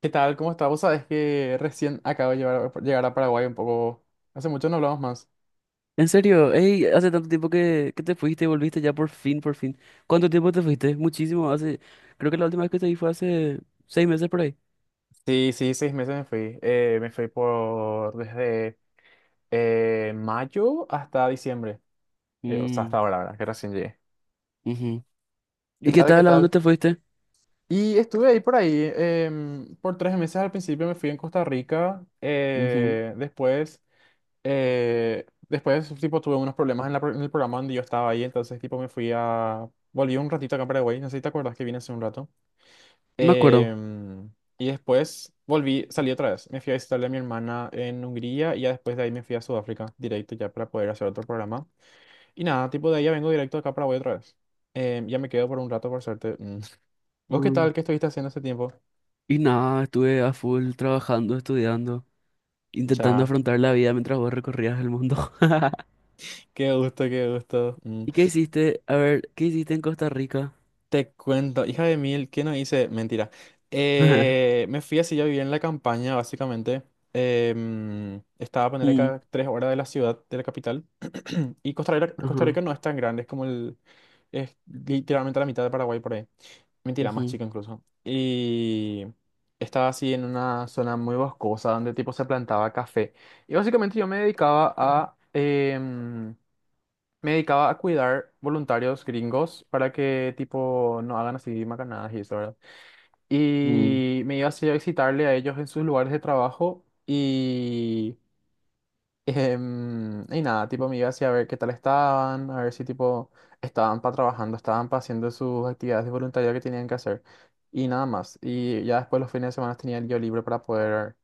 ¿Qué tal? ¿Cómo estás? Vos sabés que recién acabo de llegar a Paraguay un poco. Hace mucho no hablamos más. En serio, ey, hace tanto tiempo que te fuiste y volviste ya por fin, por fin. ¿Cuánto tiempo te fuiste? Muchísimo, creo que la última vez que te vi fue hace 6 meses por ahí. Sí, sí, 6 meses me fui. Me fui por desde mayo hasta diciembre. O sea, Mm, hasta ahora, ¿verdad? Que recién llegué. ujú. ¿Qué ¿Y qué tal? ¿Qué tal? ¿A dónde tal? te fuiste? Y estuve ahí por ahí por 3 meses. Al principio me fui en Costa Rica. Ujú. Después, tipo, tuve unos problemas en el programa donde yo estaba ahí. Entonces, tipo, volví un ratito acá a Paraguay. No sé si te acuerdas que vine hace un rato. Me acuerdo. Em, y después volví, salí otra vez. Me fui a visitarle a mi hermana en Hungría y ya después de ahí me fui a Sudáfrica directo ya para poder hacer otro programa. Y nada, tipo de ahí ya vengo directo acá para Paraguay otra vez. Ya me quedo por un rato por suerte. Mm. ¿Vos qué Mm. tal? ¿Qué estuviste haciendo ese tiempo? Y nada, estuve a full trabajando, estudiando, intentando Cha, afrontar la vida mientras vos recorrías el mundo. qué gusto, qué gusto. Mm. ¿Y qué hiciste? A ver, ¿qué hiciste en Costa Rica? Te cuento, hija de mil, ¿qué no hice? Mentira. Me fui así, yo vivía en la campaña, básicamente. Estaba a ponerle Mm, cada 3 horas de la ciudad, de la capital. Y Costa Rica, Costa ajá, Rica no es tan grande, es literalmente la mitad de Paraguay por ahí. Mentira, más ujú, chico incluso. Y estaba así en una zona muy boscosa donde tipo se plantaba café. Y básicamente yo me dedicaba a cuidar voluntarios gringos para que, tipo, no hagan así macanadas y eso, ¿verdad? mm, Y me iba así a visitarle a ellos en sus lugares de trabajo y... y nada, tipo, me iba así a ver qué tal estaban, a ver si, tipo, estaban para trabajando, estaban para haciendo sus actividades de voluntariado que tenían que hacer. Y nada más. Y ya después los fines de semana tenía el día libre para poder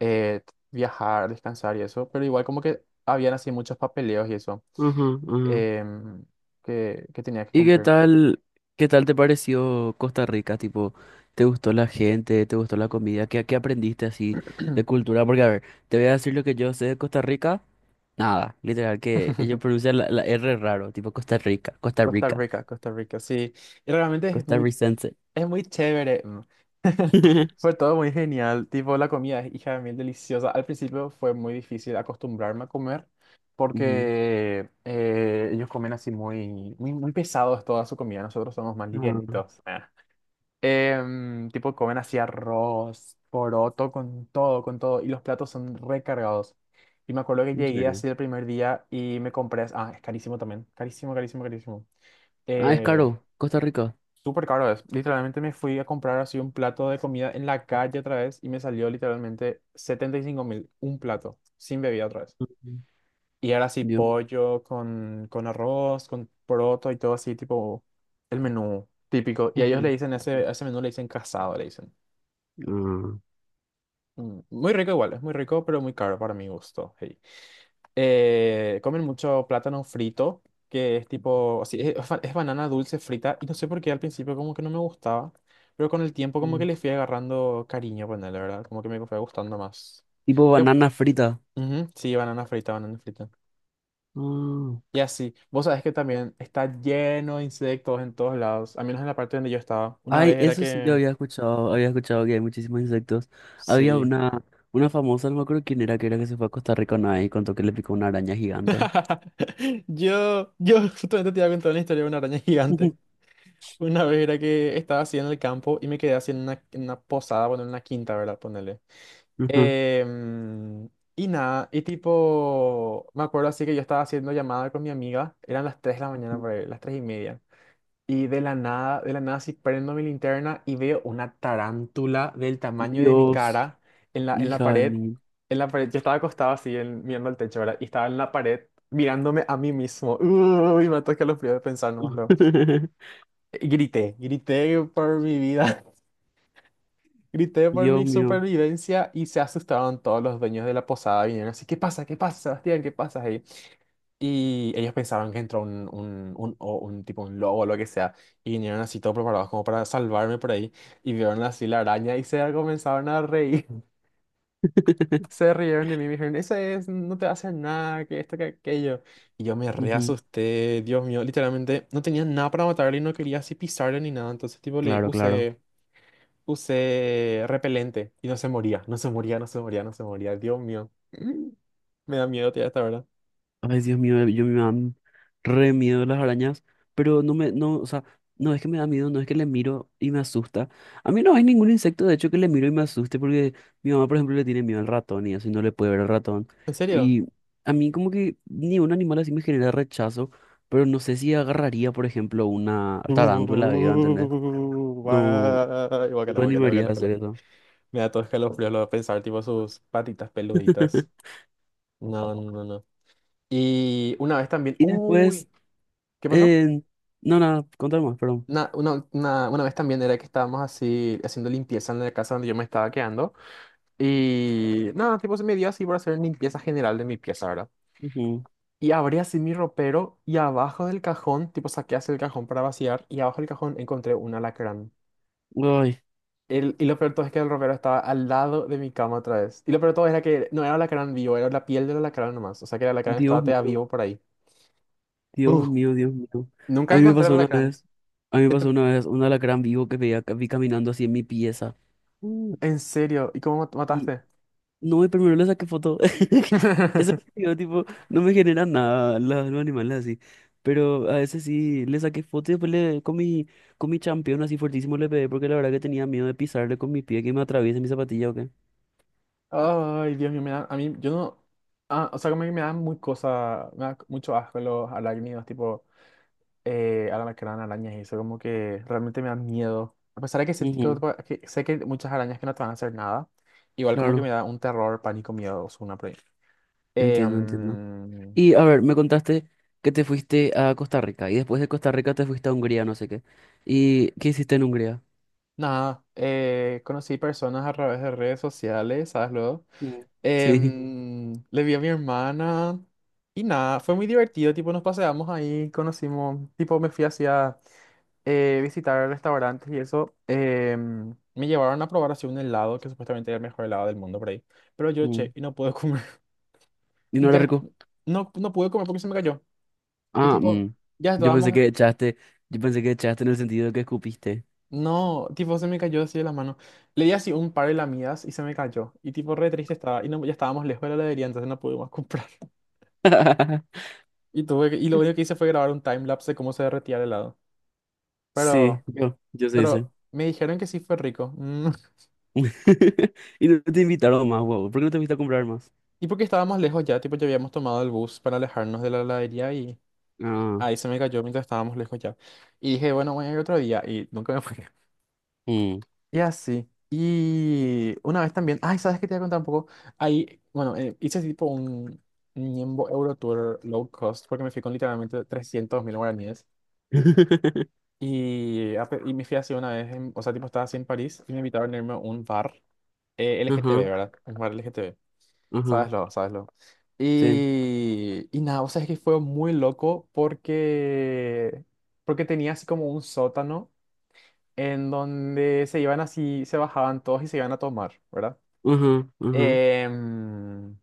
eh, viajar, descansar y eso. Pero igual como que habían así muchos papeleos y eso, ajá, ajá. em, que tenía que ¿Y cumplir. Qué tal te pareció Costa Rica? Tipo, ¿te gustó la gente? ¿Te gustó la comida? ¿Qué aprendiste así de cultura? Porque, a ver, te voy a decir lo que yo sé de Costa Rica. Nada, literal, que ellos pronuncian la R raro, tipo Costa Rica, Costa Costa Rica, Rica, Costa Rica, sí. Y realmente es muy, costarricense. es muy chévere. Mm. Fue todo muy genial. Tipo, la comida es hija de mil deliciosa. Al principio fue muy difícil acostumbrarme a comer Ujú. porque ellos comen así muy, muy, muy pesados toda su comida. Nosotros somos más No, livianitos. Ah. Tipo, comen así arroz, poroto, con todo, con todo. Y los platos son recargados. Y me acuerdo que en llegué serio. así el primer día y me compré. Ah, es carísimo también. Carísimo, carísimo, carísimo. Ah, es Eh, caro, Costa Rica. súper caro es. Literalmente me fui a comprar así un plato de comida en la calle otra vez y me salió literalmente 75.000. Un plato, sin bebida otra vez. Ujú. Y ahora sí, Dios mío. pollo con arroz, con poroto y todo así, tipo, el menú típico. Y a ellos le Ujú. dicen ese, a ese menú le dicen casado, le dicen. Ah. Muy rico igual, es muy rico, pero muy caro para mi gusto. Hey. Comen mucho plátano frito, que es tipo, así, es banana dulce frita, y no sé por qué al principio como que no me gustaba, pero con el tiempo como que Mm. le fui agarrando cariño, ponele, ¿verdad? Como que me fue gustando más. Tipo Ya, banana frita. ujú, sí, banana frita, banana frita. Y así, vos sabés que también está lleno de insectos en todos lados, al menos en la parte donde yo estaba. Una Ay, vez era eso sí yo que, había escuchado que hay muchísimos insectos. Había sí. una famosa, no me acuerdo quién era que se fue a Costa Rica una vez y contó que le picó una araña gigante. Yo justamente te iba a contar una historia de una araña gigante. Una vez era que estaba así en el campo y me quedé así en una posada, bueno, en una quinta, ¿verdad? Ponele. Ujú. Em, y nada, y tipo, me acuerdo así que yo estaba haciendo llamada con mi amiga, eran las 3 de la Ajá. mañana, por ahí, las 3:30. Y de la nada, sí prendo mi linterna y veo una tarántula del tamaño de mi Dios, cara en la hija de pared. mí. En la pared, yo estaba acostado así, mirando al techo, ¿verdad? Y estaba en la pared mirándome a mí mismo. Uy, me ataca los fríos de pensar nomás. Luego. Y grité, grité por mi vida, grité por Dios mi mío. supervivencia y se asustaron todos los dueños de la posada. Vinieron así, ¿qué pasa? ¿Qué pasa, Sebastián? ¿Qué pasa? Ahí, y ellos pensaban que entró o un tipo, un lobo o lo que sea, y vinieron así todos preparados como para salvarme por ahí, y vieron así la araña y se comenzaron a reír, se rieron de mí, y me dijeron, eso es, no te va a hacer nada, que esto, que aquello, y yo me re Ujú, asusté, Dios mío, literalmente no tenía nada para matarle y no quería así pisarle ni nada, entonces tipo claro, claro. Usé repelente y no se moría, no se moría, no se moría, no se moría, Dios mío. Me da miedo, tía, hasta ahora. Ay, Dios mío, yo me dan re miedo las arañas, pero no, o sea, no es que me da miedo, no es que le miro y me asusta. A mí no hay ningún insecto, de hecho, que le miro y me asuste, porque mi mamá, por ejemplo, le tiene miedo al ratón y así no le puede ver al ratón. ¿En serio? Y a mí como que ni un animal así me genera rechazo, pero no sé si agarraría, por ejemplo, una tarántula, ¿iba a entender? Uh, No, guay, no guácala, me guácala, animaría a hacer guácala. eso. Me da todo escalofrío lo de pensar, tipo sus patitas peluditas. No, no, no. No. Y una vez también. Y Uy, después, ¿qué pasó? eh, no, nada, contar más, perdón. Una vez también era que estábamos así haciendo limpieza en la casa donde yo me estaba quedando. Y nada, tipo se me dio así por hacer limpieza general de mi pieza, ¿verdad? Ujú. Y abrí así mi ropero y abajo del cajón, tipo saqué así el cajón para vaciar y abajo del cajón encontré un alacrán. Ay, El, y lo peor de todo es que el ropero estaba al lado de mi cama otra vez. Y lo peor de todo era que no era alacrán vivo, era la piel del alacrán nomás. O sea que el alacrán Dios estaba todavía mío. vivo por ahí. Dios Uf, mío, Dios mío. A nunca mí me encontré el pasó una alacrán. vez, a mí me ¿Qué te- pasó una vez un alacrán vivo que vi caminando así en mi pieza. ¿En serio? ¿Y cómo Y mataste? no, y primero le saqué foto. Eso es lo que digo, tipo, no me genera nada la- los animales así. Pero a veces sí le saqué foto y después le, con mi champión así fuertísimo le pegué porque la verdad que tenía miedo de pisarle con mi pie que me atraviese mi zapatilla o qué. Ay, Dios mío, a mí, yo no... Ah, o sea, como que me da muy cosa, me da mucho asco los arácnidos, tipo alacrán, arañas y eso, como que realmente me da miedo. A pesar de que, sentí Ujú, que sé que hay muchas arañas que no te van a hacer nada, igual como que me claro, da un terror, pánico, miedo, una por ahí. Eh, entiendo, entiendo. mm, Y a ver, me contaste que te fuiste a Costa Rica y después de Costa Rica te fuiste a Hungría, no sé qué. ¿Y qué hiciste en Hungría? nada, conocí personas a través de redes sociales, ¿sabes luego? Mm. Eh, Sí. mm, le vi a mi hermana y nada, fue muy divertido, tipo nos paseamos ahí, conocimos, tipo me fui hacia visitar restaurantes y eso. Me llevaron a probar así un helado, que supuestamente era el mejor helado del mundo por ahí, pero yo che, Mm. y no pude comer. ¿Y Y no era ya, rico? no, no pude comer porque se me cayó. Y Ah, tipo, mm. ya Yo pensé estábamos... que echaste, yo pensé que echaste en el sentido de que escupiste. No, tipo, se me cayó así de la mano. Le di así un par de lamidas y se me cayó. Y tipo, re triste estaba. Y no, ya estábamos lejos de la heladería, entonces no pudimos comprar. Y tuve que- y lo único que hice fue grabar un timelapse de cómo se derretía el helado. Sí, Pero, yo sé ese. pero me dijeron que sí fue rico. Mm. Y no te invitaron más, wow. ¿Por qué no te fuiste a comprar más? Y porque estábamos lejos ya, tipo, ya habíamos tomado el bus para alejarnos de la heladería y Ah, ahí se me cayó mientras estábamos lejos ya. Y dije, bueno, voy a ir otro día. Y nunca me fui. mm. Y así. Y una vez también, ay, ¿sabes qué te voy a contar un poco? Ahí, bueno, hice tipo un Niembo Euro Tour low cost porque me fui con literalmente 300.000 guaraníes. Y me fui así una vez, o sea, tipo estaba así en París y me invitaron a irme a un bar LGTB, Ajá, ¿verdad? Un bar L G T LGTB. ajá, Sabeslo, sabeslo. sí. Y nada, o sea, es que fue muy loco porque, porque tenía así como un sótano en donde se iban así, se bajaban todos y se iban a tomar, ¿verdad? Ajá, ajá, Em,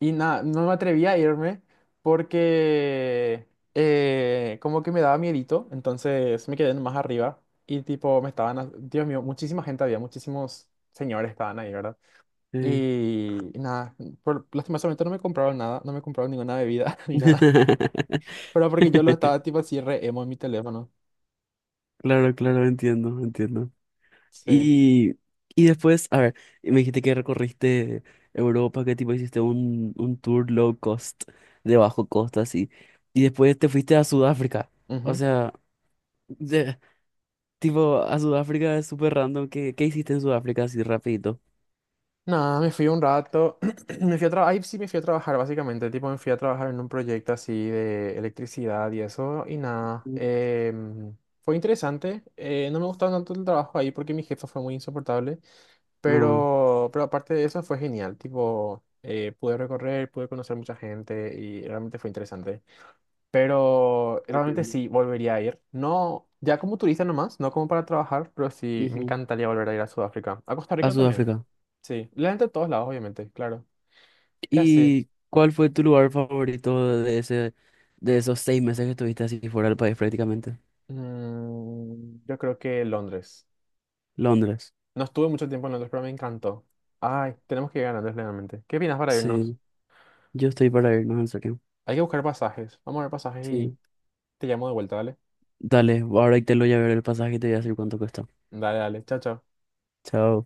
y nada, no me atreví a irme porque como que me daba miedito, entonces me quedé más arriba y tipo me estaban, Dios mío, muchísima gente había, muchísimos señores estaban ahí, ¿verdad? sí. Y nada, lastimosamente no me compraron nada, no me compraron ninguna bebida ni nada, pero porque yo lo estaba tipo así re emo en mi teléfono. Claro, claro, entiendo, entiendo. Sí. Y, y después, a ver, me dijiste que recorriste Europa, que tipo hiciste un tour low cost, de bajo costo así. Y después te fuiste a Sudáfrica. O sea, de- tipo, a Sudáfrica es súper random. ¿Qué, qué hiciste en Sudáfrica así rapidito? Nada, me fui un rato, me fui a trabajar, ahí sí me fui a trabajar básicamente, tipo me fui a trabajar en un proyecto así de electricidad y eso, y nada, Ujú. Fue interesante, no me gustaba tanto el trabajo ahí porque mi jefa fue muy insoportable, Ah, pero aparte de eso fue genial, tipo pude recorrer, pude conocer mucha gente y realmente fue interesante, pero realmente entiendo. sí, volvería a ir, no, ya como turista nomás, no como para trabajar, pero sí, me Ujú. encantaría volver a ir a Sudáfrica, a Costa A Rica también. Sudáfrica. Sí, la gente de todos lados, obviamente, claro. Ya sí. ¿Y cuál fue tu lugar favorito de ese, de esos 6 meses que estuviste así fuera del país prácticamente? Yo creo que Londres. Londres. No estuve mucho tiempo en Londres, pero me encantó. Ay, tenemos que ir a Londres realmente. ¿Qué opinas para irnos? Sí, yo estoy para irnos en Hay que buscar pasajes. Vamos a ver pasajes y serio. te llamo de vuelta, dale. Dale, ahora te lo voy a ver el pasaje y te voy a decir cuánto cuesta. Dale, dale. Chao, chao. Chao.